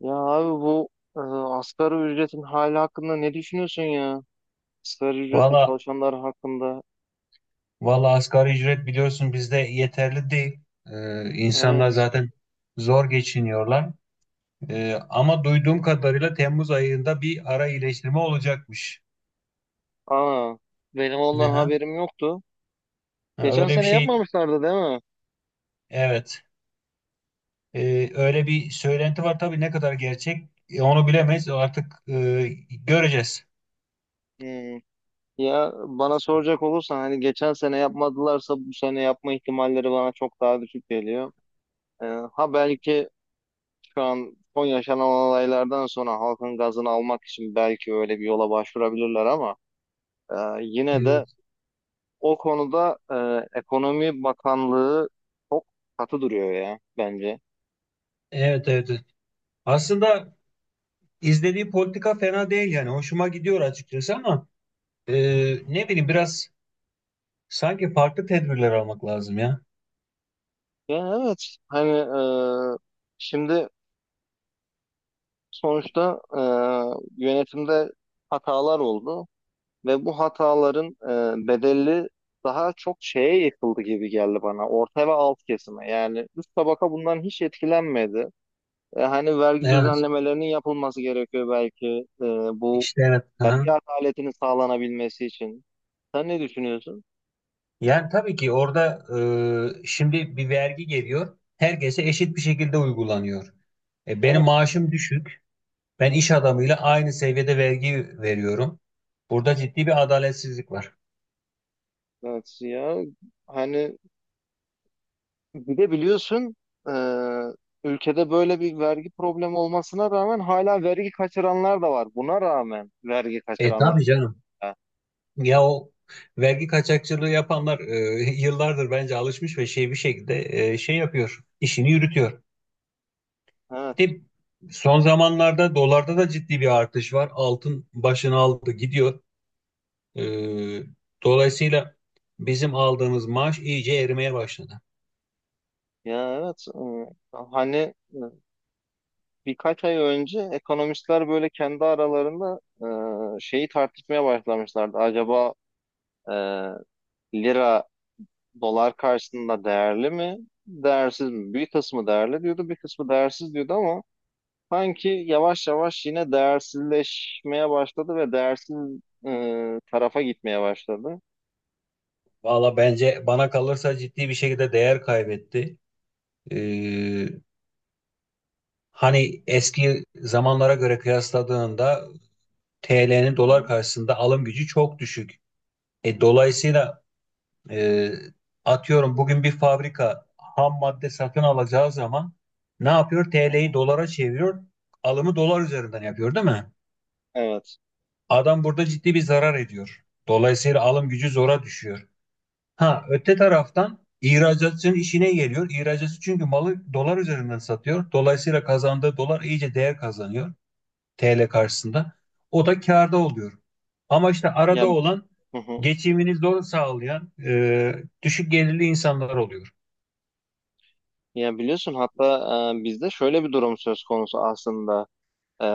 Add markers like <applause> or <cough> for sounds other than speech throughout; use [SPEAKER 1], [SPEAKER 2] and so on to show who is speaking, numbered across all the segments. [SPEAKER 1] Ya abi bu e, asgari ücretin hali hakkında ne düşünüyorsun ya? Asgari ücretle
[SPEAKER 2] Valla
[SPEAKER 1] çalışanlar hakkında.
[SPEAKER 2] valla asgari ücret biliyorsun bizde yeterli değil. İnsanlar
[SPEAKER 1] Evet.
[SPEAKER 2] zaten zor geçiniyorlar. Ama duyduğum kadarıyla Temmuz ayında bir ara iyileştirme olacakmış.
[SPEAKER 1] Aa, benim ondan
[SPEAKER 2] Aha.
[SPEAKER 1] haberim yoktu.
[SPEAKER 2] Ha,
[SPEAKER 1] Geçen
[SPEAKER 2] öyle bir
[SPEAKER 1] sene
[SPEAKER 2] şey
[SPEAKER 1] yapmamışlardı değil mi?
[SPEAKER 2] evet. Öyle bir söylenti var tabii ne kadar gerçek onu bilemeyiz artık, göreceğiz.
[SPEAKER 1] Hmm. Ya bana soracak olursan hani geçen sene yapmadılarsa bu sene yapma ihtimalleri bana çok daha düşük geliyor. E, ha belki şu an son yaşanan olaylardan sonra halkın gazını almak için belki öyle bir yola başvurabilirler ama e, yine
[SPEAKER 2] Evet,
[SPEAKER 1] de o konuda Ekonomi Bakanlığı çok katı duruyor ya bence.
[SPEAKER 2] evet, evet, evet. Aslında izlediği politika fena değil, yani hoşuma gidiyor açıkçası ama e, ne bileyim, biraz sanki farklı tedbirler almak lazım ya.
[SPEAKER 1] Yani evet, hani, e, şimdi sonuçta yönetimde hatalar oldu ve bu hataların bedeli daha çok şeye yıkıldı gibi geldi bana. Orta ve alt kesime, yani üst tabaka bundan hiç etkilenmedi. Hani vergi
[SPEAKER 2] Evet,
[SPEAKER 1] düzenlemelerinin yapılması gerekiyor belki, e, bu
[SPEAKER 2] işte evet. Aha.
[SPEAKER 1] vergi adaletinin sağlanabilmesi için. Sen ne düşünüyorsun?
[SPEAKER 2] Yani tabii ki orada, şimdi bir vergi geliyor. Herkese eşit bir şekilde uygulanıyor. E, benim maaşım düşük. Ben iş adamıyla aynı seviyede vergi veriyorum. Burada ciddi bir adaletsizlik var.
[SPEAKER 1] Evet ya? Hani bir de biliyorsun, e, ülkede böyle bir vergi problemi olmasına rağmen hala vergi kaçıranlar da var. Buna rağmen vergi
[SPEAKER 2] E
[SPEAKER 1] kaçıranlar
[SPEAKER 2] tabii canım.
[SPEAKER 1] da.
[SPEAKER 2] Ya o vergi kaçakçılığı yapanlar <laughs> yıllardır bence alışmış ve şey bir şekilde şey yapıyor, işini yürütüyor.
[SPEAKER 1] Evet.
[SPEAKER 2] Bir de son zamanlarda dolarda da ciddi bir artış var. Altın başını aldı gidiyor. Ee, Dolayısıyla bizim aldığımız maaş iyice erimeye başladı.
[SPEAKER 1] Ya evet. Hani, e, birkaç ay önce ekonomistler böyle kendi aralarında şeyi tartışmaya başlamışlardı. Acaba e, lira dolar karşısında değerli mi? Değersiz mi? Bir kısmı değerli diyordu, bir kısmı değersiz diyordu ama sanki yavaş yavaş yine değersizleşmeye başladı ve değersiz tarafa gitmeye başladı.
[SPEAKER 2] Valla bence bana kalırsa ciddi bir şekilde değer kaybetti. Ee, Hani eski zamanlara göre kıyasladığında TL'nin dolar
[SPEAKER 1] Hı.
[SPEAKER 2] karşısında alım gücü çok düşük. E, dolayısıyla e, atıyorum bugün bir fabrika ham madde satın alacağı zaman ne yapıyor? TL'yi dolara çeviriyor, alımı dolar üzerinden yapıyor, değil mi?
[SPEAKER 1] Evet.
[SPEAKER 2] Adam burada ciddi bir zarar ediyor. Dolayısıyla alım gücü zora düşüyor. Ha, öte taraftan ihracatçının işine geliyor. İhracatçı çünkü malı dolar üzerinden satıyor. Dolayısıyla kazandığı dolar iyice değer kazanıyor TL karşısında. O da kârda oluyor. Ama işte arada
[SPEAKER 1] Ya,
[SPEAKER 2] olan
[SPEAKER 1] hı hı.
[SPEAKER 2] geçimini zor sağlayan düşük gelirli insanlar oluyor.
[SPEAKER 1] Ya biliyorsun, hatta bizde şöyle bir durum söz konusu aslında. E,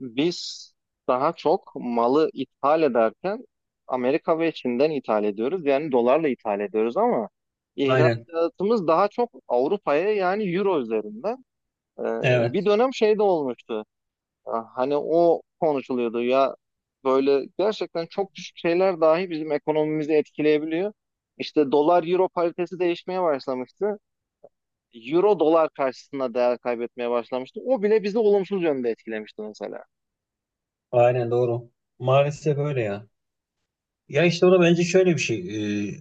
[SPEAKER 1] Biz daha çok malı ithal ederken Amerika ve Çin'den ithal ediyoruz. Yani dolarla ithal ediyoruz ama
[SPEAKER 2] Aynen.
[SPEAKER 1] ihracatımız daha çok Avrupa'ya, yani Euro üzerinden. E, Bir
[SPEAKER 2] Evet.
[SPEAKER 1] dönem şey de olmuştu. Hani o konuşuluyordu ya, böyle gerçekten çok küçük şeyler dahi bizim ekonomimizi etkileyebiliyor. İşte dolar euro paritesi değişmeye başlamıştı. Euro dolar karşısında değer kaybetmeye başlamıştı. O bile bizi olumsuz yönde etkilemişti mesela.
[SPEAKER 2] Aynen doğru. Maalesef öyle ya. Ya işte o da bence şöyle bir şey. e,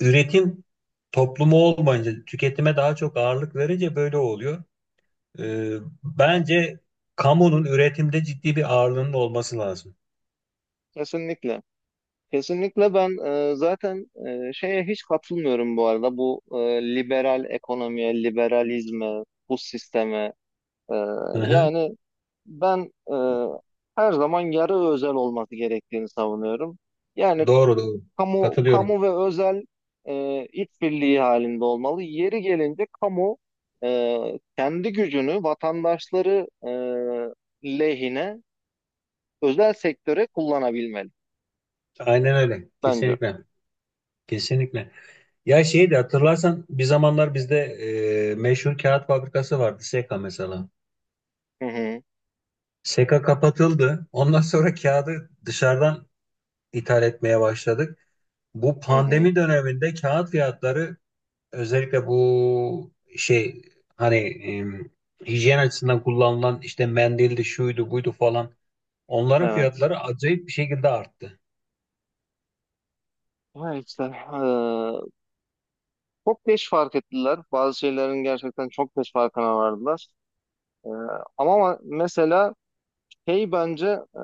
[SPEAKER 2] Üretim toplumu olmayınca, tüketime daha çok ağırlık verince böyle oluyor. E, bence kamunun üretimde ciddi bir ağırlığının olması lazım.
[SPEAKER 1] Kesinlikle. Kesinlikle ben e, zaten şeye hiç katılmıyorum bu arada. Bu liberal ekonomiye, liberalizme, bu sisteme. E,
[SPEAKER 2] Hı hı.
[SPEAKER 1] yani Ben her zaman yarı özel olması gerektiğini savunuyorum. Yani
[SPEAKER 2] Doğru doğru.
[SPEAKER 1] kamu
[SPEAKER 2] Katılıyorum.
[SPEAKER 1] kamu ve özel işbirliği halinde olmalı. Yeri gelince kamu kendi gücünü vatandaşları lehine özel sektöre kullanabilmeli
[SPEAKER 2] Aynen öyle.
[SPEAKER 1] bence.
[SPEAKER 2] Kesinlikle. Kesinlikle. Ya şeyi de hatırlarsan bir zamanlar bizde meşhur kağıt fabrikası vardı. SEKA mesela.
[SPEAKER 1] Hı hı,
[SPEAKER 2] SEKA kapatıldı. Ondan sonra kağıdı dışarıdan ithal etmeye başladık. Bu
[SPEAKER 1] hı hı,
[SPEAKER 2] pandemi döneminde kağıt fiyatları özellikle bu şey hani hijyen açısından kullanılan işte mendildi, şuydu buydu falan, onların
[SPEAKER 1] evet.
[SPEAKER 2] fiyatları acayip bir şekilde arttı.
[SPEAKER 1] Ha işte, çok geç fark ettiler. Bazı şeylerin gerçekten çok geç farkına vardılar. E, Ama mesela, hey, bence e,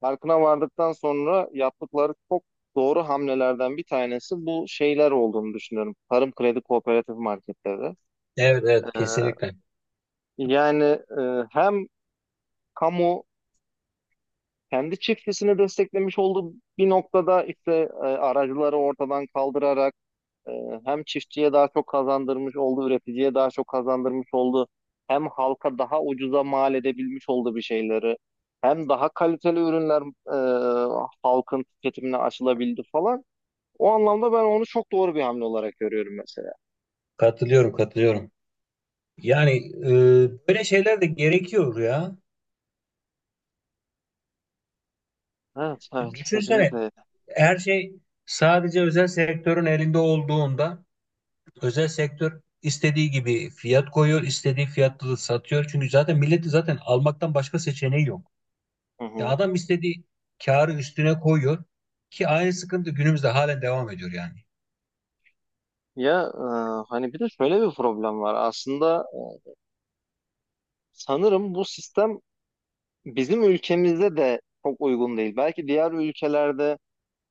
[SPEAKER 1] farkına vardıktan sonra yaptıkları çok doğru hamlelerden bir tanesi bu şeyler olduğunu düşünüyorum. Tarım kredi kooperatif marketleri.
[SPEAKER 2] Evet,
[SPEAKER 1] E,
[SPEAKER 2] evet, kesinlikle.
[SPEAKER 1] yani Hem kamu kendi çiftçisini desteklemiş olduğu bir noktada, işte aracıları ortadan kaldırarak, hem çiftçiye daha çok kazandırmış oldu, üreticiye daha çok kazandırmış oldu. Hem halka daha ucuza mal edebilmiş oldu bir şeyleri. Hem daha kaliteli ürünler halkın tüketimine açılabildi falan. O anlamda ben onu çok doğru bir hamle olarak görüyorum mesela.
[SPEAKER 2] Katılıyorum, katılıyorum. Yani böyle şeyler de gerekiyor ya.
[SPEAKER 1] Evet, evet,
[SPEAKER 2] Düşünsene,
[SPEAKER 1] kesinlikle.
[SPEAKER 2] her şey sadece özel sektörün elinde olduğunda özel sektör istediği gibi fiyat koyuyor, istediği fiyatlı satıyor. Çünkü zaten milleti zaten almaktan başka seçeneği yok.
[SPEAKER 1] Hı
[SPEAKER 2] Ya
[SPEAKER 1] hı.
[SPEAKER 2] adam istediği karı üstüne koyuyor ki aynı sıkıntı günümüzde halen devam ediyor yani.
[SPEAKER 1] Ya hani bir de şöyle bir problem var. Aslında sanırım bu sistem bizim ülkemizde de çok uygun değil. Belki diğer ülkelerde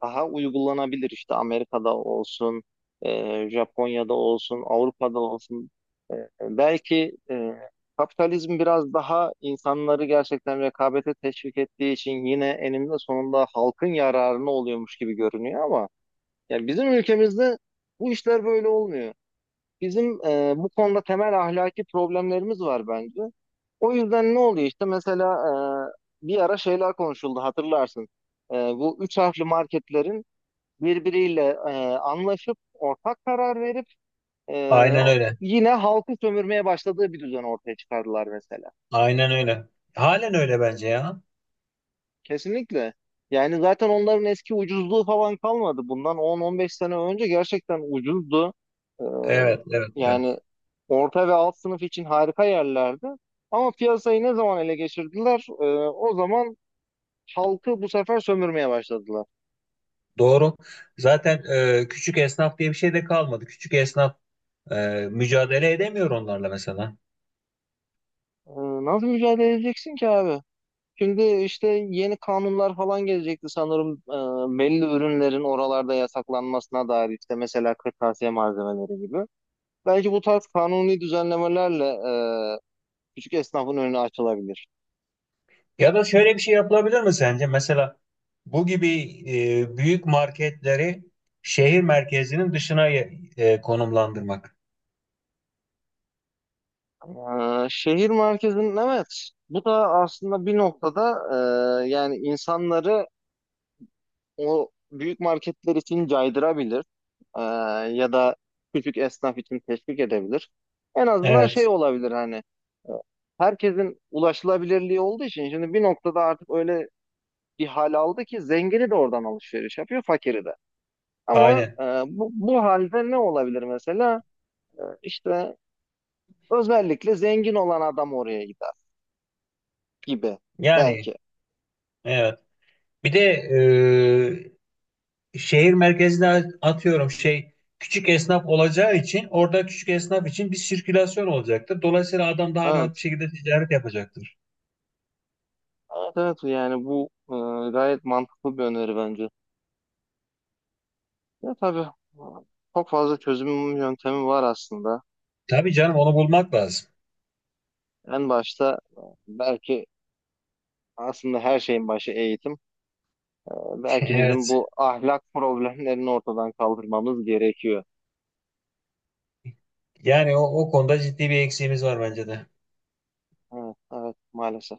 [SPEAKER 1] daha uygulanabilir, işte Amerika'da olsun, Japonya'da olsun, Avrupa'da olsun. E, Belki kapitalizm biraz daha insanları gerçekten rekabete teşvik ettiği için yine eninde sonunda halkın yararına oluyormuş gibi görünüyor ama yani bizim ülkemizde bu işler böyle olmuyor. Bizim, bu konuda temel ahlaki problemlerimiz var bence. O yüzden ne oluyor işte mesela, bir ara şeyler konuşuldu hatırlarsın. Bu üç harfli marketlerin birbiriyle e, anlaşıp ortak karar verip e,
[SPEAKER 2] Aynen öyle.
[SPEAKER 1] yine halkı sömürmeye başladığı bir düzen ortaya çıkardılar mesela.
[SPEAKER 2] Aynen öyle. Halen öyle bence ya.
[SPEAKER 1] Kesinlikle. Yani zaten onların eski ucuzluğu falan kalmadı. Bundan 10-15 sene önce gerçekten ucuzdu. E,
[SPEAKER 2] Evet, evet,
[SPEAKER 1] Yani
[SPEAKER 2] evet.
[SPEAKER 1] orta ve alt sınıf için harika yerlerdi. Ama piyasayı ne zaman ele geçirdiler? O zaman halkı bu sefer sömürmeye başladılar.
[SPEAKER 2] Doğru. Zaten küçük esnaf diye bir şey de kalmadı. Küçük esnaf e, mücadele edemiyor onlarla mesela.
[SPEAKER 1] E, nasıl mücadele edeceksin ki abi? Şimdi işte yeni kanunlar falan gelecekti sanırım, belli ürünlerin oralarda yasaklanmasına dair, işte mesela kırtasiye malzemeleri gibi. Belki bu tarz kanuni düzenlemelerle e, küçük esnafın önü açılabilir.
[SPEAKER 2] Ya da şöyle bir şey yapılabilir mi sence? Mesela bu gibi büyük marketleri şehir merkezinin dışına konumlandırmak.
[SPEAKER 1] Şehir merkezinin, evet, bu da aslında bir noktada yani insanları o büyük marketler için caydırabilir. Ee, Ya da küçük esnaf için teşvik edebilir. En azından şey
[SPEAKER 2] Evet,
[SPEAKER 1] olabilir, hani e, herkesin ulaşılabilirliği olduğu için şimdi bir noktada artık öyle bir hal aldı ki zengini de oradan alışveriş yapıyor, fakiri de. Ama
[SPEAKER 2] aynen.
[SPEAKER 1] bu halde ne olabilir mesela? İşte özellikle zengin olan adam oraya gider gibi
[SPEAKER 2] Yani
[SPEAKER 1] belki.
[SPEAKER 2] evet. Bir de şehir merkezine atıyorum şey küçük esnaf olacağı için orada küçük esnaf için bir sirkülasyon olacaktır. Dolayısıyla adam daha rahat bir
[SPEAKER 1] Evet.
[SPEAKER 2] şekilde ticaret yapacaktır.
[SPEAKER 1] Evet, evet, yani bu gayet mantıklı bir öneri bence. Ya tabii çok fazla çözüm yöntemi var aslında.
[SPEAKER 2] Tabii canım onu bulmak lazım.
[SPEAKER 1] En başta belki aslında her şeyin başı eğitim.
[SPEAKER 2] <laughs>
[SPEAKER 1] Belki
[SPEAKER 2] Evet.
[SPEAKER 1] bizim bu ahlak problemlerini ortadan kaldırmamız gerekiyor.
[SPEAKER 2] Yani o, o konuda ciddi bir eksiğimiz var bence de.
[SPEAKER 1] Evet, evet maalesef.